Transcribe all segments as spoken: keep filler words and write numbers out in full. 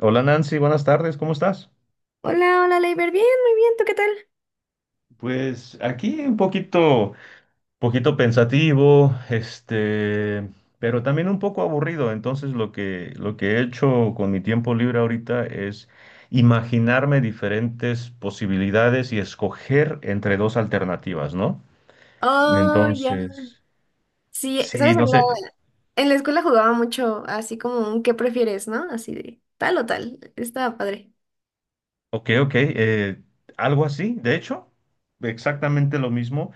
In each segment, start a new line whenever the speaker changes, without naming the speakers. Hola Nancy, buenas tardes, ¿cómo estás?
Hola, hola, Leiber. Bien, muy bien. ¿Tú qué tal?
Pues aquí un poquito, poquito pensativo, este, pero también un poco aburrido. Entonces lo que, lo que he hecho con mi tiempo libre ahorita es imaginarme diferentes posibilidades y escoger entre dos alternativas, ¿no?
Oh, ya.
Entonces,
Sí,
sí,
sabes,
no
en la,
sé.
en la escuela jugaba mucho así como un ¿qué prefieres, no? Así de tal o tal. Estaba padre.
Ok, ok, eh, algo así, de hecho, exactamente lo mismo,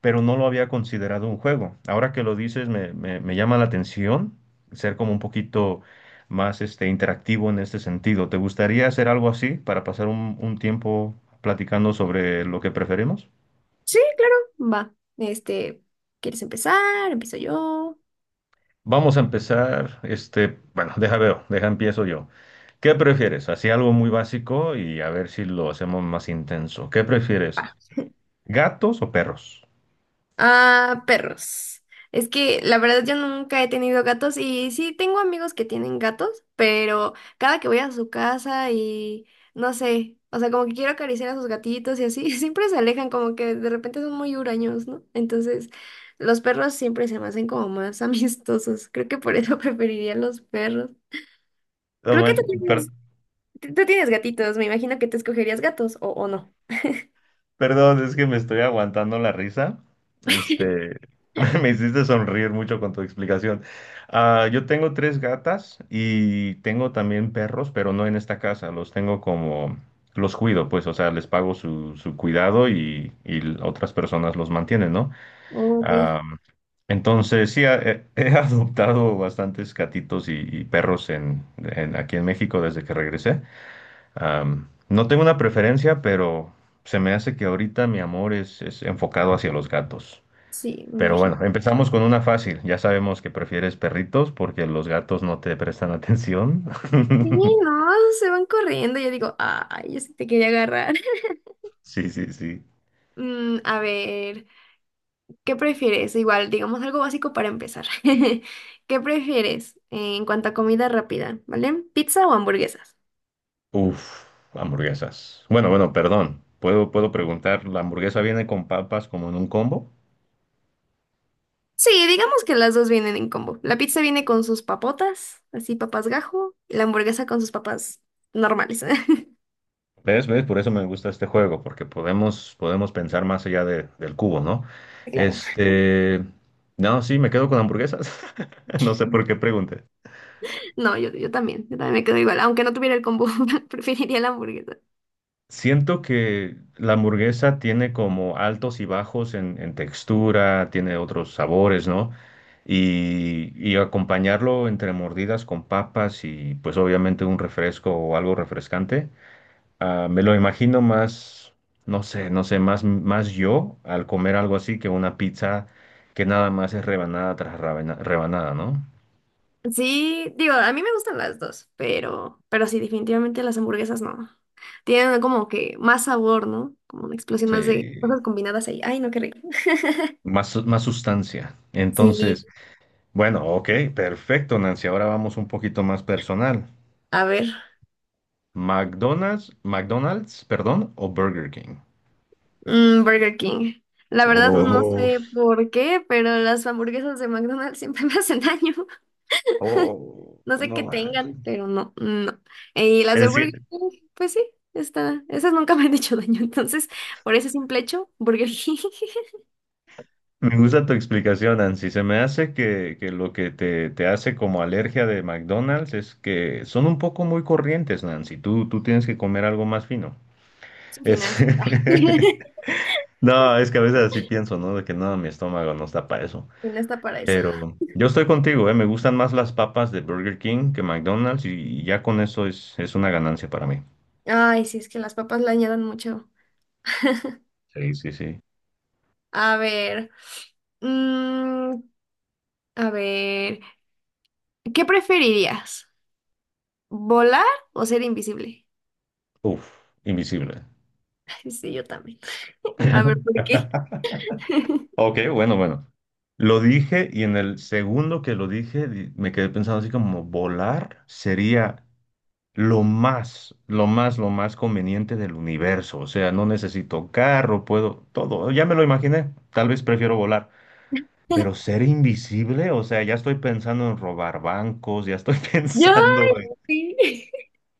pero no lo había considerado un juego. Ahora que lo dices, me, me- me llama la atención ser como un poquito más este, interactivo en este sentido. ¿Te gustaría hacer algo así para pasar un, un tiempo platicando sobre lo que preferimos?
Sí, claro. Va. Este, ¿quieres empezar? Empiezo yo.
Vamos a empezar, este, bueno, deja veo, deja empiezo yo. ¿Qué prefieres? Así algo muy básico y a ver si lo hacemos más intenso. ¿Qué prefieres? ¿Gatos o perros?
Ah, perros. Es que la verdad yo nunca he tenido gatos y sí tengo amigos que tienen gatos, pero cada que voy a su casa y no sé, o sea, como que quiero acariciar a sus gatitos y así, siempre se alejan, como que de repente son muy huraños, ¿no? Entonces, los perros siempre se me hacen como más amistosos. Creo que por eso preferiría los perros.
No
Creo que tú
manches, per-
tienes, tú tienes gatitos, me imagino que te escogerías gatos o, o no.
Perdón, es que me estoy aguantando la risa. Este, Me hiciste sonreír mucho con tu explicación. Ah, yo tengo tres gatas y tengo también perros, pero no en esta casa. Los tengo como, los cuido, pues, o sea, les pago su, su cuidado y, y otras personas los mantienen, ¿no?
Ok,
Ah, entonces, sí, a- he, he adoptado bastantes gatitos y, y perros en, en- aquí en México desde que regresé. Am, no tengo una preferencia, pero se me hace que ahorita mi amor es, es enfocado hacia los gatos.
sí, me
Pero bueno,
imagino.
empezamos con una fácil. Ya sabemos que prefieres perritos porque los gatos no te prestan atención.
Sí, no, se van corriendo. Yo digo, ay, yo sí te quería agarrar.
Sí, sí, sí.
Mm, a ver, ¿qué prefieres? Igual, digamos algo básico para empezar. ¿Qué prefieres eh, en cuanto a comida rápida? ¿Vale? ¿Pizza o hamburguesas?
Uf, hamburguesas. Bueno, bueno, perdón. Puedo, puedo preguntar, ¿la hamburguesa viene con papas como en un combo?
Sí, digamos que las dos vienen en combo. La pizza viene con sus papotas, así papas gajo, y la hamburguesa con sus papas normales.
¿Ves? ¿Ves? Por eso me gusta este juego, porque podemos, podemos pensar más allá de- del cubo, ¿no?
Claro.
Este, no, sí, me quedo con hamburguesas. No sé por qué pregunté.
No, yo, yo también, yo también me quedo igual. Aunque no tuviera el combo, preferiría la hamburguesa.
Siento que la hamburguesa tiene como altos y bajos en, en textura, tiene otros sabores, ¿no? Y, y acompañarlo entre mordidas con papas y pues obviamente un refresco o algo refrescante. Ah, me lo imagino más, no sé, no sé, más, más yo al comer algo así que una pizza que nada más es rebanada tras rebana- rebanada, ¿no?
Sí, digo, a mí me gustan las dos, pero, pero sí, definitivamente las hamburguesas no. Tienen como que más sabor, ¿no? Como una explosión más de
Sí,
cosas combinadas ahí. Ay, no, qué rico.
más, su- más sustancia.
Sí,
Entonces, bueno, ok, perfecto, Nancy. Ahora vamos un poquito más personal.
a ver.
McDonald's, McDonald's, perdón, o Burger King.
Mm, Burger King. La verdad no
Oh,
sé por qué, pero las hamburguesas de McDonald's siempre me hacen daño.
oh,
No sé
no
qué
man.
tengan, pero no, no. Y las de
Es
Burger King, pues sí, está. Esas nunca me han hecho daño. Entonces, por ese simple hecho, Burger King
me gusta tu explicación, Nancy. Se me hace que, que lo que te, te hace como alergia de McDonald's es que son un poco muy corrientes, Nancy. Tú, tú tienes que comer algo más fino.
es un final.
Es-
Y
No, es que a veces así pienso, ¿no? De que no, mi estómago no está para eso.
no está para eso.
Pero yo estoy contigo, ¿eh? Me gustan más las papas de Burger King que McDonald's y, y ya con eso es, es una ganancia para mí.
Ay, sí, es que las papas le añadan mucho.
Sí, sí, sí.
A ver, mm, a ver, ¿qué preferirías? ¿Volar o ser invisible?
Uf, invisible.
Ay, sí, yo también. A ver, ¿por qué?
Ok, bueno, bueno. Lo dije y en el segundo que lo dije di- me quedé pensando así como volar sería lo más, lo más, lo más conveniente del universo. O sea, no necesito carro, puedo todo. Ya me lo imaginé. Tal vez prefiero volar. Pero ser invisible, o sea, ya estoy pensando en robar bancos, ya estoy
Yo,
pensando,
sí.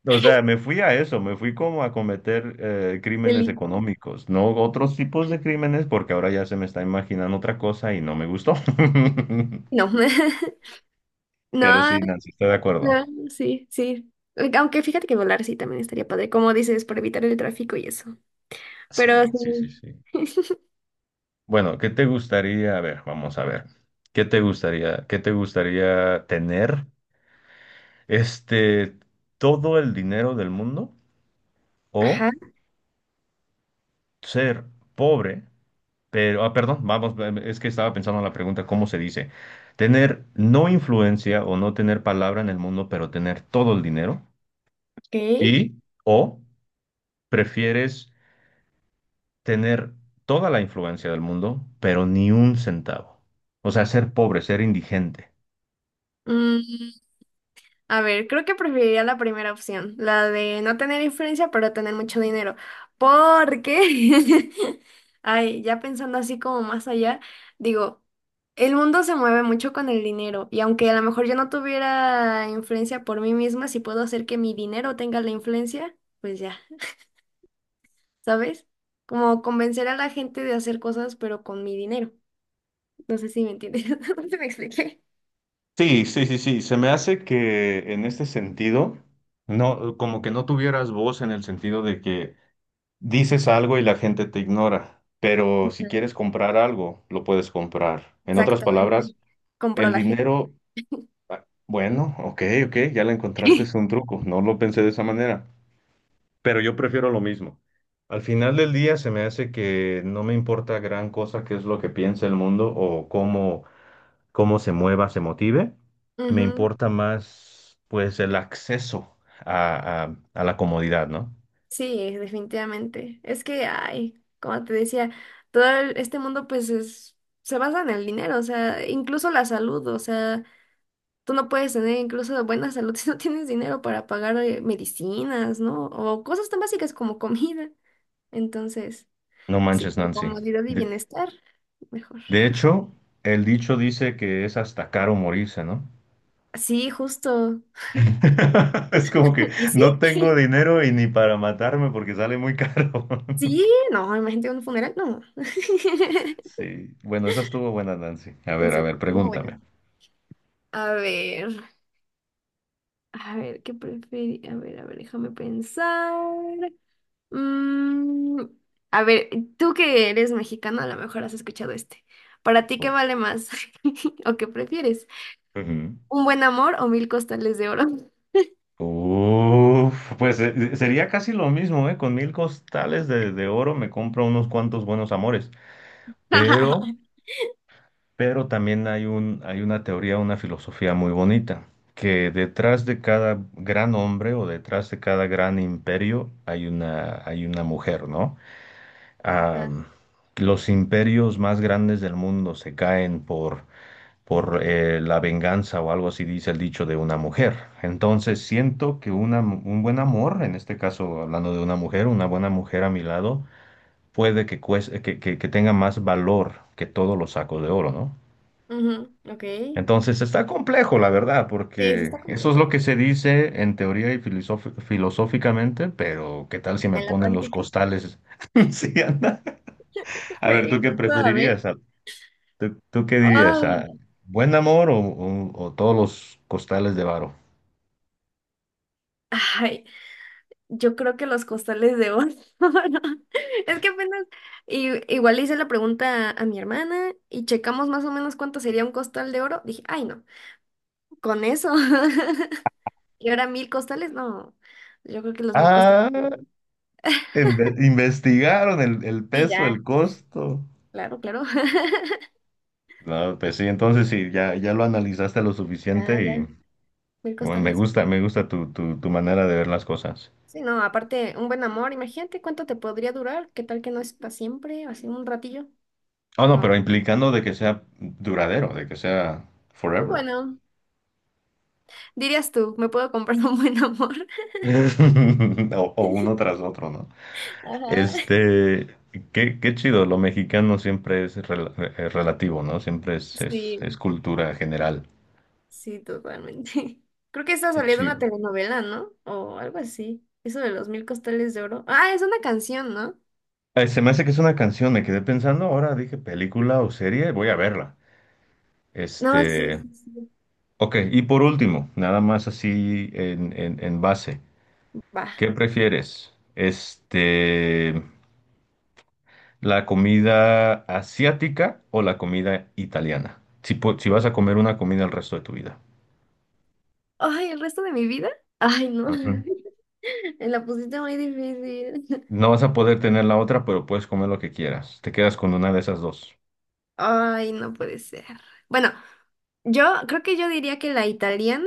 o sea, me fui a eso, me fui como a cometer eh, crímenes
Feliz.
económicos, no otros tipos de crímenes, porque ahora ya se me está imaginando otra cosa y no me gustó.
No,
Pero
no,
sí, Nancy, estoy de acuerdo.
no, sí, sí. Aunque fíjate que volar sí también estaría padre, como dices, para evitar el tráfico y eso.
Sí,
Pero
sí, sí,
sí.
sí. Bueno, ¿qué te gustaría? A ver, vamos a ver. ¿Qué te gustaría? ¿Qué te gustaría tener? Este, todo el dinero del mundo o
Ajá,
ser pobre. Pero, ah, perdón, vamos, es que estaba pensando en la pregunta, ¿cómo se dice? Tener no influencia o no tener palabra en el mundo, pero tener todo el dinero.
ok.
Y, o prefieres tener toda la influencia del mundo, pero ni un centavo. O sea, ser pobre, ser indigente.
Mm, a ver, creo que preferiría la primera opción, la de no tener influencia, pero tener mucho dinero. Porque, ay, ya pensando así como más allá, digo, el mundo se mueve mucho con el dinero y aunque a lo mejor yo no tuviera influencia por mí misma, si puedo hacer que mi dinero tenga la influencia, pues ya, ¿sabes? Como convencer a la gente de hacer cosas, pero con mi dinero. No sé si me entiendes. No sé si me expliqué.
Sí, sí, sí, sí. Se me hace que en este sentido, no, como que no tuvieras voz en el sentido de que dices algo y la gente te ignora, pero si
Ujú.
quieres comprar algo, lo puedes comprar. En otras palabras,
Exactamente. Compró
el
la gente.
dinero, ah, bueno, ok, ok, ya la encontraste, es un truco, no lo pensé de esa manera, pero yo prefiero lo mismo. Al final del día se me hace que no me importa gran cosa qué es lo que piensa el mundo o cómo, cómo se mueva, se motive. Me
Ujú.
importa más, pues, el acceso a, a a la comodidad, ¿no?
Sí, definitivamente. Es que, ay, como te decía, todo el- este mundo pues es, se basa en el dinero, o sea, incluso la salud, o sea, tú no puedes tener incluso buena salud si no tienes dinero para pagar eh, medicinas, ¿no? O cosas tan básicas como comida. Entonces,
No
sí,
manches,
por
Nancy.
comodidad y bienestar, mejor.
De hecho, el dicho dice que es hasta caro morirse, ¿no?
Sí, justo.
Es como que
¿Y sí?
no tengo dinero y ni para matarme porque sale muy caro.
Sí, no, imagínate un funeral, no.
Sí, bueno, esa estuvo buena, Nancy. A ver, a
Sí,
ver,
muy buena.
pregúntame.
A ver. A ver, ¿qué prefieres? A ver, a ver, déjame pensar. Mm, a ver, tú que eres mexicano, a lo mejor has escuchado este. ¿Para ti qué
Uf.
vale más? ¿O qué prefieres?
Ujú.
¿Un buen amor o mil costales de oro?
Uf, pues eh, sería casi lo mismo, ¿eh? Con mil costales de, de oro me compro unos cuantos buenos amores. Pero Pero también hay un, hay una teoría, una filosofía muy bonita, que detrás de cada gran hombre o detrás de cada gran imperio hay una, hay una mujer, ¿no?
Ajá.
Am, los imperios más grandes del mundo se caen por, por eh, la venganza o algo así dice el dicho de una mujer. Entonces siento que una, mu- un buen amor, en este caso hablando de una mujer, una buena mujer a mi lado, puede que, cueste- que, que que tenga más valor que todos los sacos de oro, ¿no?
Ujú, ok. Sí,
Entonces está complejo, la verdad,
sí
porque
está
eso es
complejo
lo que
porque
se dice en teoría y filosof- filosóficamente, pero ¿qué tal si
ya
me
en la
ponen los
práctica.
costales? Sí, anda. A ver,
Me
¿tú qué
gusta, a ver.
preferirías? Ah, ¿tú, tú qué dirías?
Ay,
Ah, ¿buen amor o, o- o todos los costales de varo?
ay, yo creo que los costales de oro. Es que apenas y igual le hice la pregunta a mi hermana y checamos más o menos cuánto sería un costal de oro. Dije, ay no, con eso. Y ahora mil costales, no. Yo creo que los mil costales
Ah,
de oro.
inve- investigaron el, el
Sí,
peso,
ya,
el costo.
claro, claro.
No, pues sí, entonces sí, ya, ya lo analizaste lo
Ya,
suficiente y
ya. Mil
bueno, me
costales.
gusta, me gusta tu, tu, tu manera de ver las cosas.
Sí, no, aparte, un buen amor, imagínate cuánto te podría durar. ¿Qué tal que no es para siempre? Así un ratillo.
Ah, no, pero
No.
implicando de que sea duradero, de que sea forever.
Bueno, dirías tú, me puedo comprar un buen amor.
O, o uno tras otro, ¿no?
Ajá.
Este, qué, qué chido, lo mexicano siempre es rel- eh, relativo, ¿no? Siempre es, es, es
Sí.
cultura general.
Sí, totalmente. Creo que está
Qué
saliendo una
chido.
telenovela, ¿no? O algo así. Eso de los mil costales de oro. Ah, es una canción, ¿no?
Eh, se me hace que es una canción, me quedé pensando, ahora dije película o serie, voy a verla.
No, sí,
Este,
sí, sí.
ok, y por último, nada más así en, en, en base,
Va.
¿qué prefieres? Este... ¿La comida asiática o la comida italiana? Si, pu- si vas a comer una comida el resto de tu vida.
Ay, el resto de mi vida. Ay, no.
Ujú.
Me la pusiste muy difícil.
No vas a poder tener la otra, pero puedes comer lo que quieras. Te quedas con una de esas dos.
Ay, no puede ser. Bueno, yo creo que yo diría que la italiana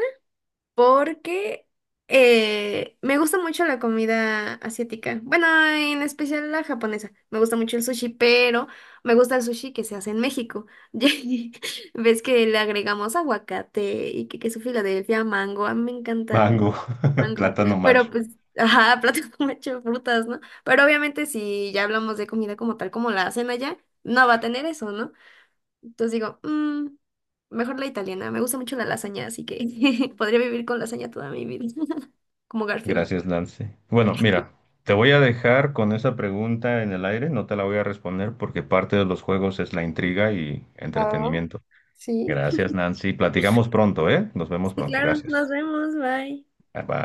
porque eh, me gusta mucho la comida asiática. Bueno, en especial la japonesa. Me gusta mucho el sushi, pero me gusta el sushi que se hace en México. Ya ves que le agregamos aguacate y que queso Filadelfia, mango. A mí me encanta
Mango,
con mango.
plátano
Pero
macho.
pues, ajá, plato con mucho frutas, ¿no? Pero obviamente si ya hablamos de comida como tal, como la hacen allá, no va a tener eso, ¿no? Entonces digo, "Mm, mejor la italiana. Me gusta mucho la lasaña, así que podría vivir con lasaña toda mi vida. Como Garfield.
Gracias, Lance. Bueno, mira, te voy a dejar con esa pregunta en el aire, no te la voy a responder porque parte de los juegos es la intriga y
Ah,
entretenimiento.
sí.
Gracias, Nancy. Platicamos pronto, ¿eh? Nos vemos
Sí,
pronto.
claro. Nos
Gracias.
vemos. Bye.
Bye.